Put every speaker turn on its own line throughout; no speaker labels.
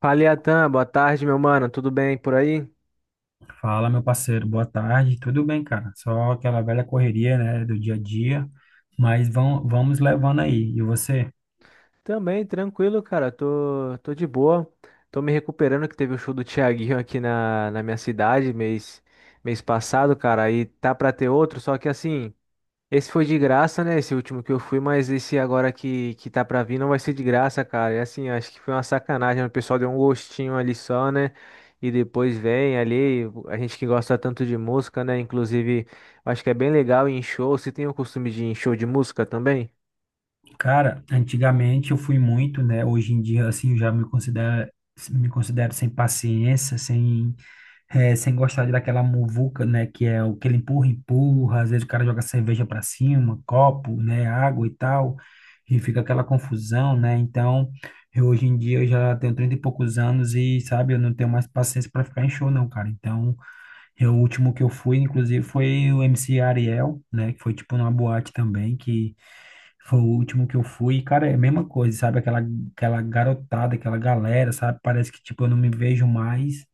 Fala, Iatan, boa tarde, meu mano. Tudo bem por aí?
Fala, meu parceiro, boa tarde. Tudo bem, cara? Só aquela velha correria, né, do dia a dia, mas vamos levando aí. E você?
Também, tranquilo, cara. Tô de boa. Tô me recuperando que teve o show do Thiaguinho aqui na minha cidade mês passado, cara. E tá pra ter outro, só que assim. Esse foi de graça, né? Esse último que eu fui, mas esse agora que tá pra vir não vai ser de graça, cara. E assim, acho que foi uma sacanagem, né? O pessoal deu um gostinho ali só, né? E depois vem ali, a gente que gosta tanto de música, né? Inclusive, acho que é bem legal ir em show. Você tem o costume de ir em show de música também?
Cara, antigamente eu fui muito, né? Hoje em dia, assim, eu já me considero sem paciência, sem gostar de daquela muvuca, né? Que é o que ele empurra. Às vezes o cara joga cerveja para cima, copo, né? Água e tal. E fica aquela confusão, né? Então, hoje em dia eu já tenho 30 e poucos anos e, sabe, eu não tenho mais paciência para ficar em show, não, cara. Então, o último que eu fui, inclusive, foi o MC Ariel, né? Que foi tipo numa boate também, que foi o último que eu fui. E, cara, é a mesma coisa, sabe? Aquela garotada, aquela galera, sabe? Parece que, tipo, eu não me vejo mais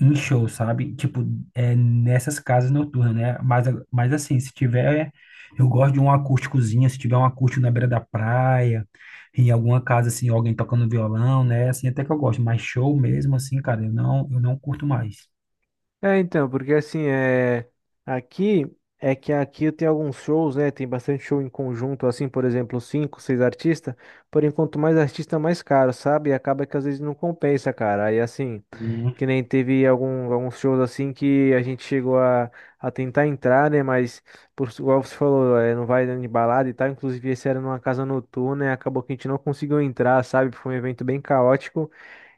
em show, sabe? Tipo, é nessas casas noturnas, né? Mas, mas assim, se tiver, eu gosto de um acústicozinho, se tiver um acústico na beira da praia, em alguma casa assim, alguém tocando violão, né? Assim, até que eu gosto, mas show mesmo assim, cara, eu não curto mais.
É, então, porque assim, aqui é que aqui eu tenho alguns shows, né? Tem bastante show em conjunto, assim, por exemplo, cinco, seis artistas. Porém, quanto mais artista, mais caro, sabe? E acaba que às vezes não compensa, cara. Aí assim,
Hum,
que nem teve alguns shows assim que a gente chegou a tentar entrar, né? Mas, igual você falou, é, não vai dando de balada e tal. Inclusive, esse era numa casa noturna, e acabou que a gente não conseguiu entrar, sabe? Foi um evento bem caótico.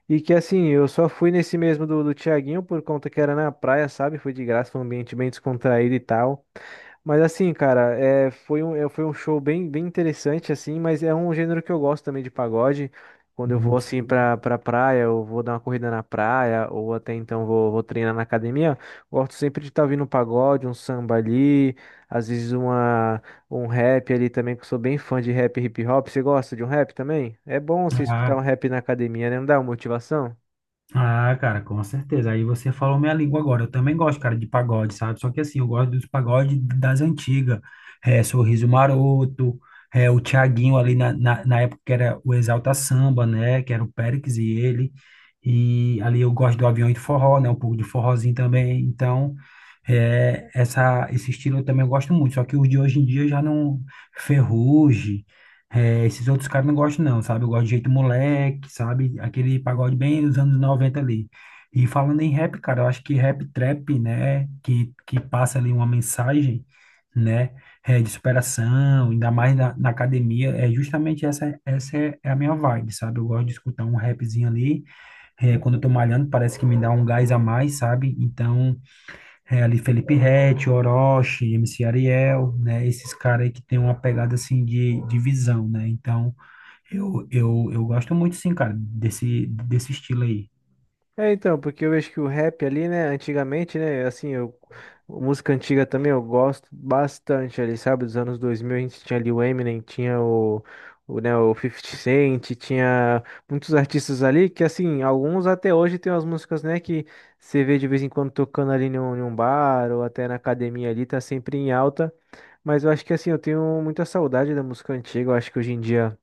E que assim, eu só fui nesse mesmo do Thiaguinho por conta que era na praia, sabe? Foi de graça, foi um ambiente bem descontraído e tal. Mas assim, cara, é, foi um show bem interessante, assim, mas é um gênero que eu gosto também de pagode. Quando eu vou
hum.
assim pra praia, eu vou dar uma corrida na praia, ou até então vou treinar na academia, gosto sempre de estar ouvindo um pagode, um samba ali, às vezes uma um rap ali também, que eu sou bem fã de rap e hip hop. Você gosta de um rap também? É bom você escutar um
Ah,
rap na academia, né? Não dá uma motivação?
Ah, cara, com certeza. Aí você falou minha língua agora. Eu também gosto, cara, de pagode, sabe? Só que assim, eu gosto dos pagodes das antigas. É, Sorriso Maroto, é, o Thiaguinho ali na época que era o Exalta Samba, né? Que era o Péricles e ele. E ali eu gosto do Avião de Forró, né? Um pouco de forrozinho também. Então, esse estilo eu também gosto muito. Só que os de hoje em dia já não... Ferrugem, é, esses outros caras não gostam, não, sabe? Eu gosto de jeito moleque, sabe? Aquele pagode bem dos anos 90 ali. E falando em rap, cara, eu acho que rap trap, né? Que passa ali uma mensagem, né? É, de superação, ainda mais na academia. É justamente essa, é a minha vibe, sabe? Eu gosto de escutar um rapzinho ali. É, quando eu tô malhando, parece que me dá um gás a mais, sabe? Então. É, ali Felipe Ret, Orochi, MC Ariel, né? Esses caras aí que tem uma pegada assim de visão, né? Então, eu gosto muito, sim, cara, desse estilo aí.
É, então, porque eu vejo que o rap ali, né, antigamente, né, assim, música antiga também eu gosto bastante ali, sabe, dos anos 2000 a gente tinha ali o Eminem, tinha o 50 Cent, tinha muitos artistas ali que, assim, alguns até hoje tem umas músicas, né, que você vê de vez em quando tocando ali num bar ou até na academia ali, tá sempre em alta, mas eu acho que, assim, eu tenho muita saudade da música antiga, eu acho que hoje em dia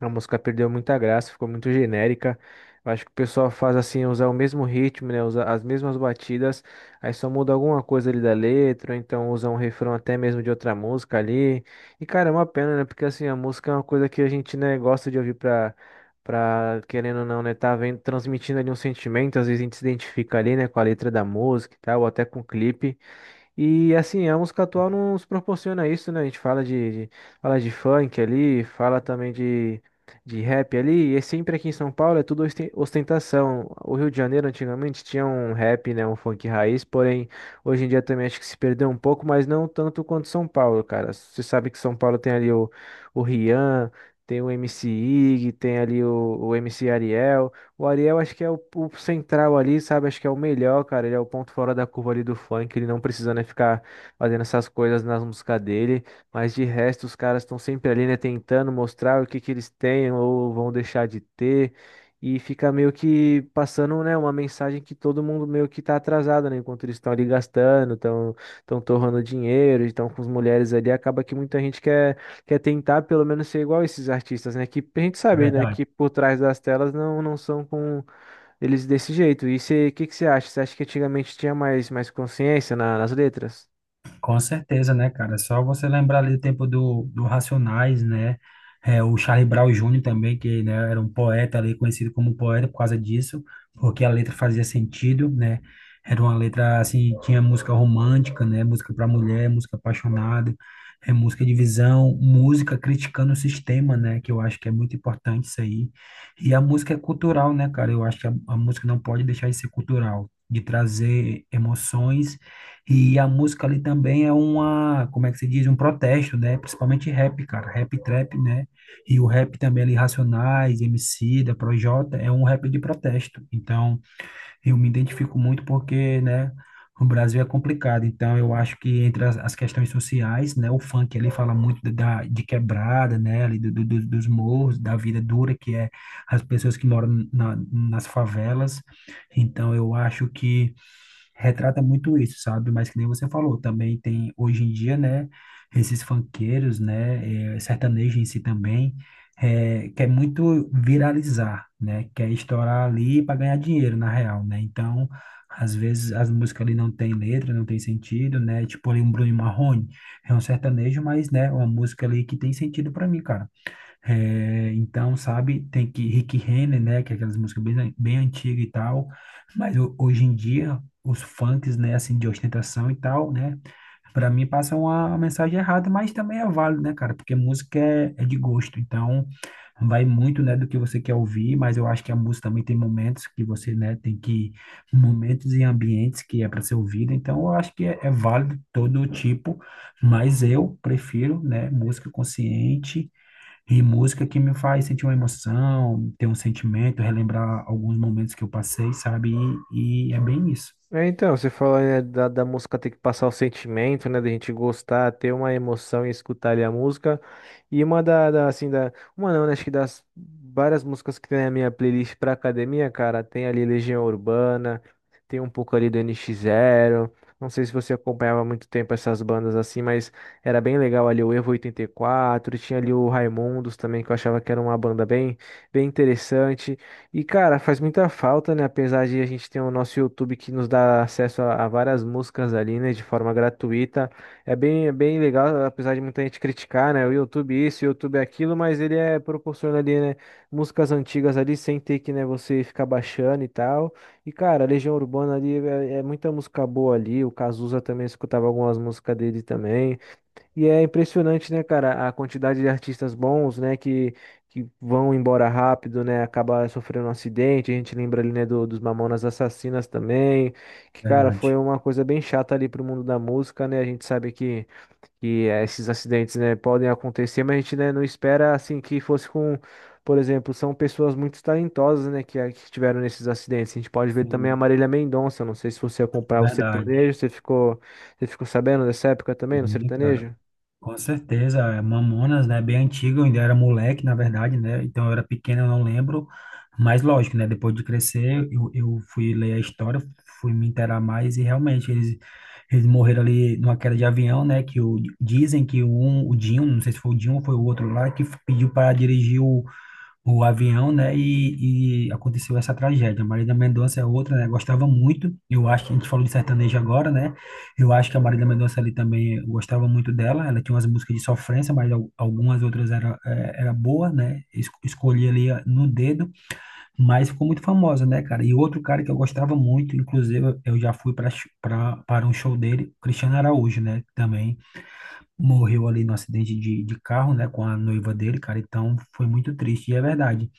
a música perdeu muita graça, ficou muito genérica. Eu acho que o pessoal faz assim, usar o mesmo ritmo, né? Usar as mesmas batidas, aí só muda alguma coisa ali da letra, ou então usa um refrão até mesmo de outra música ali. E cara, é uma pena, né? Porque assim, a música é uma coisa que a gente, né, gosta de ouvir pra, querendo ou não, né, tá vendo, transmitindo ali um sentimento, às vezes a gente se identifica ali, né, com a letra da música e tal, ou até com o clipe. E assim, a música atual nos proporciona isso, né? A gente fala fala de funk ali, fala também de rap ali, e é sempre aqui em São Paulo é tudo ostentação. O Rio de Janeiro antigamente tinha um rap, né? Um funk raiz, porém hoje em dia também acho que se perdeu um pouco, mas não tanto quanto São Paulo, cara. Você sabe que São Paulo tem ali o Rian, tem o MC Ig, tem ali o MC Ariel. O Ariel acho que é o central ali, sabe? Acho que é o melhor, cara. Ele é o ponto fora da curva ali do funk. Ele não precisa, né, ficar fazendo essas coisas nas músicas dele. Mas de resto, os caras estão sempre ali, né, tentando mostrar o que que eles têm ou vão deixar de ter. E fica meio que passando, né, uma mensagem que todo mundo meio que tá atrasado, né? Enquanto eles estão ali gastando, estão torrando dinheiro, estão com as mulheres ali. Acaba que muita gente quer tentar pelo menos ser igual a esses artistas, né? Que a gente
É
sabe, né?
verdade.
Que por trás das telas não são com eles desse jeito. E o que que você acha? Você acha que antigamente tinha mais consciência nas letras?
Com certeza, né, cara? É, só você lembrar ali do tempo do Racionais, né? É, o Charlie Brown Júnior também, que né, era um poeta ali, conhecido como poeta por causa disso, porque a letra fazia sentido, né? Era uma letra, assim, tinha música romântica, né? Música para mulher, música apaixonada, é, música de visão, música criticando o sistema, né? Que eu acho que é muito importante isso aí. E a música é cultural, né, cara? Eu acho que a música não pode deixar de ser cultural, de trazer emoções e a música ali também é uma, como é que se diz, um protesto, né? Principalmente rap, cara, rap trap, né? E o rap também ali, Racionais, Emicida, Projota, é um rap de protesto. Então, eu me identifico muito porque, né, o Brasil é complicado. Então, eu acho que entre as questões sociais, né, o funk ali fala muito da, de quebrada, né, ali dos morros, da vida dura que é as pessoas que moram nas favelas. Então, eu acho que retrata muito isso, sabe? Mas que nem você falou, também tem hoje em dia, né, esses funkeiros, né, eh, sertanejo em si também, eh, quer muito viralizar, né? Quer estourar ali para ganhar dinheiro, na real, né? Então, às vezes as músicas ali não tem letra, não tem sentido, né? Tipo ali um Bruno e Marrone, é um sertanejo, mas, né, uma música ali que tem sentido para mim, cara. É, então, sabe, tem que Rick Renner, né, que é aquelas músicas bem, bem antigas e tal, mas hoje em dia, os funks, né, assim, de ostentação e tal, né, para mim passam uma mensagem errada, mas também é válido, né, cara, porque música é de gosto, então vai muito, né, do que você quer ouvir, mas eu acho que a música também tem momentos que você, né, momentos e ambientes que é para ser ouvido, então eu acho que é válido todo tipo, mas eu prefiro, né, música consciente, e música que me faz sentir uma emoção, ter um sentimento, relembrar alguns momentos que eu passei, sabe? E é bem isso.
É, então, você falou, né, da música ter que passar o sentimento, né, da gente gostar, ter uma emoção e escutar ali a música. E uma uma não, né, acho que das várias músicas que tem na minha playlist pra academia, cara, tem ali Legião Urbana, tem um pouco ali do NX Zero. Não sei se você acompanhava há muito tempo essas bandas assim, mas era bem legal ali o Evo 84, tinha ali o Raimundos também, que eu achava que era uma banda bem interessante. E, cara, faz muita falta, né? Apesar de a gente ter o nosso YouTube que nos dá acesso a várias músicas ali, né? De forma gratuita. É bem legal, apesar de muita gente criticar, né? O YouTube isso, o YouTube aquilo, mas ele é proporciona ali, né? Músicas antigas ali, sem ter que, né, você ficar baixando e tal. E, cara, a Legião Urbana ali é muita música boa ali. O Cazuza também escutava algumas músicas dele também. E é impressionante, né, cara, a quantidade de artistas bons, né, que vão embora rápido, né, acaba sofrendo um acidente. A gente lembra ali, né, dos Mamonas Assassinas também, que, cara, foi
Verdade.
uma coisa bem chata ali pro mundo da música, né. A gente sabe que esses acidentes, né, podem acontecer, mas a gente, né, não espera, assim, que fosse com, por exemplo, são pessoas muito talentosas, né, que estiveram nesses acidentes. A gente pode ver também a
Sim,
Marília Mendonça, não sei se você acompanhava o
verdade.
sertanejo, você ficou sabendo dessa época também, no
Sim, cara.
sertanejo?
Com certeza, é, Mamonas, né, bem antigo, eu ainda era moleque, na verdade, né, então eu era pequeno, eu não lembro, mas lógico, né, depois de crescer, eu fui ler a história, fui me inteirar mais e realmente eles morreram ali numa queda de avião, né, que o, dizem que um, o Dinho, não sei se foi o Dinho ou foi o outro lá, que pediu para dirigir o avião, né? E aconteceu essa tragédia. Marília Mendonça é outra, né? Gostava muito. Eu acho que a gente falou de sertanejo agora, né? Eu acho que a Marília Mendonça ali também eu gostava muito dela. Ela tinha umas músicas de sofrência, mas algumas outras era boa, né? Escolhi ali ah, no dedo, mas ficou muito famosa, né, cara? E outro cara que eu gostava muito, inclusive eu já fui para um show dele, Cristiano Araújo, né? Também morreu ali no acidente de carro, né? Com a noiva dele, cara. Então foi muito triste, e é verdade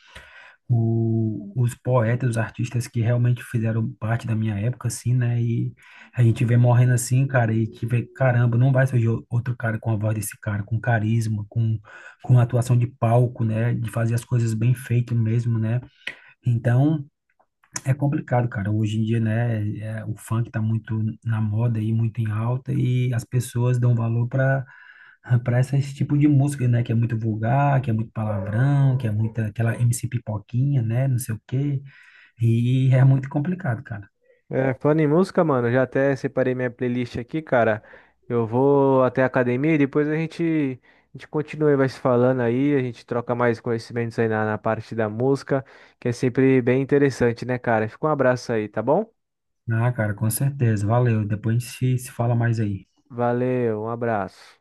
os poetas, os artistas que realmente fizeram parte da minha época, assim, né? E a gente vê morrendo assim, cara, e que vê, caramba, não vai surgir outro cara com a voz desse cara, com carisma, com atuação de palco, né? De fazer as coisas bem feito mesmo, né? Então, é complicado, cara. Hoje em dia, né? É, o funk tá muito na moda e muito em alta e as pessoas dão valor para esse tipo de música, né? Que é muito vulgar, que é muito palavrão, que é muita aquela MC Pipoquinha, né? Não sei o quê. E é muito complicado, cara.
É, falando em música, mano, já até separei minha playlist aqui, cara. Eu vou até a academia e depois a gente continua e vai se falando aí, a gente troca mais conhecimentos aí na parte da música, que é sempre bem interessante, né, cara? Fica um abraço aí, tá bom?
Ah, cara, com certeza. Valeu. Depois a gente se fala mais aí.
Valeu, um abraço.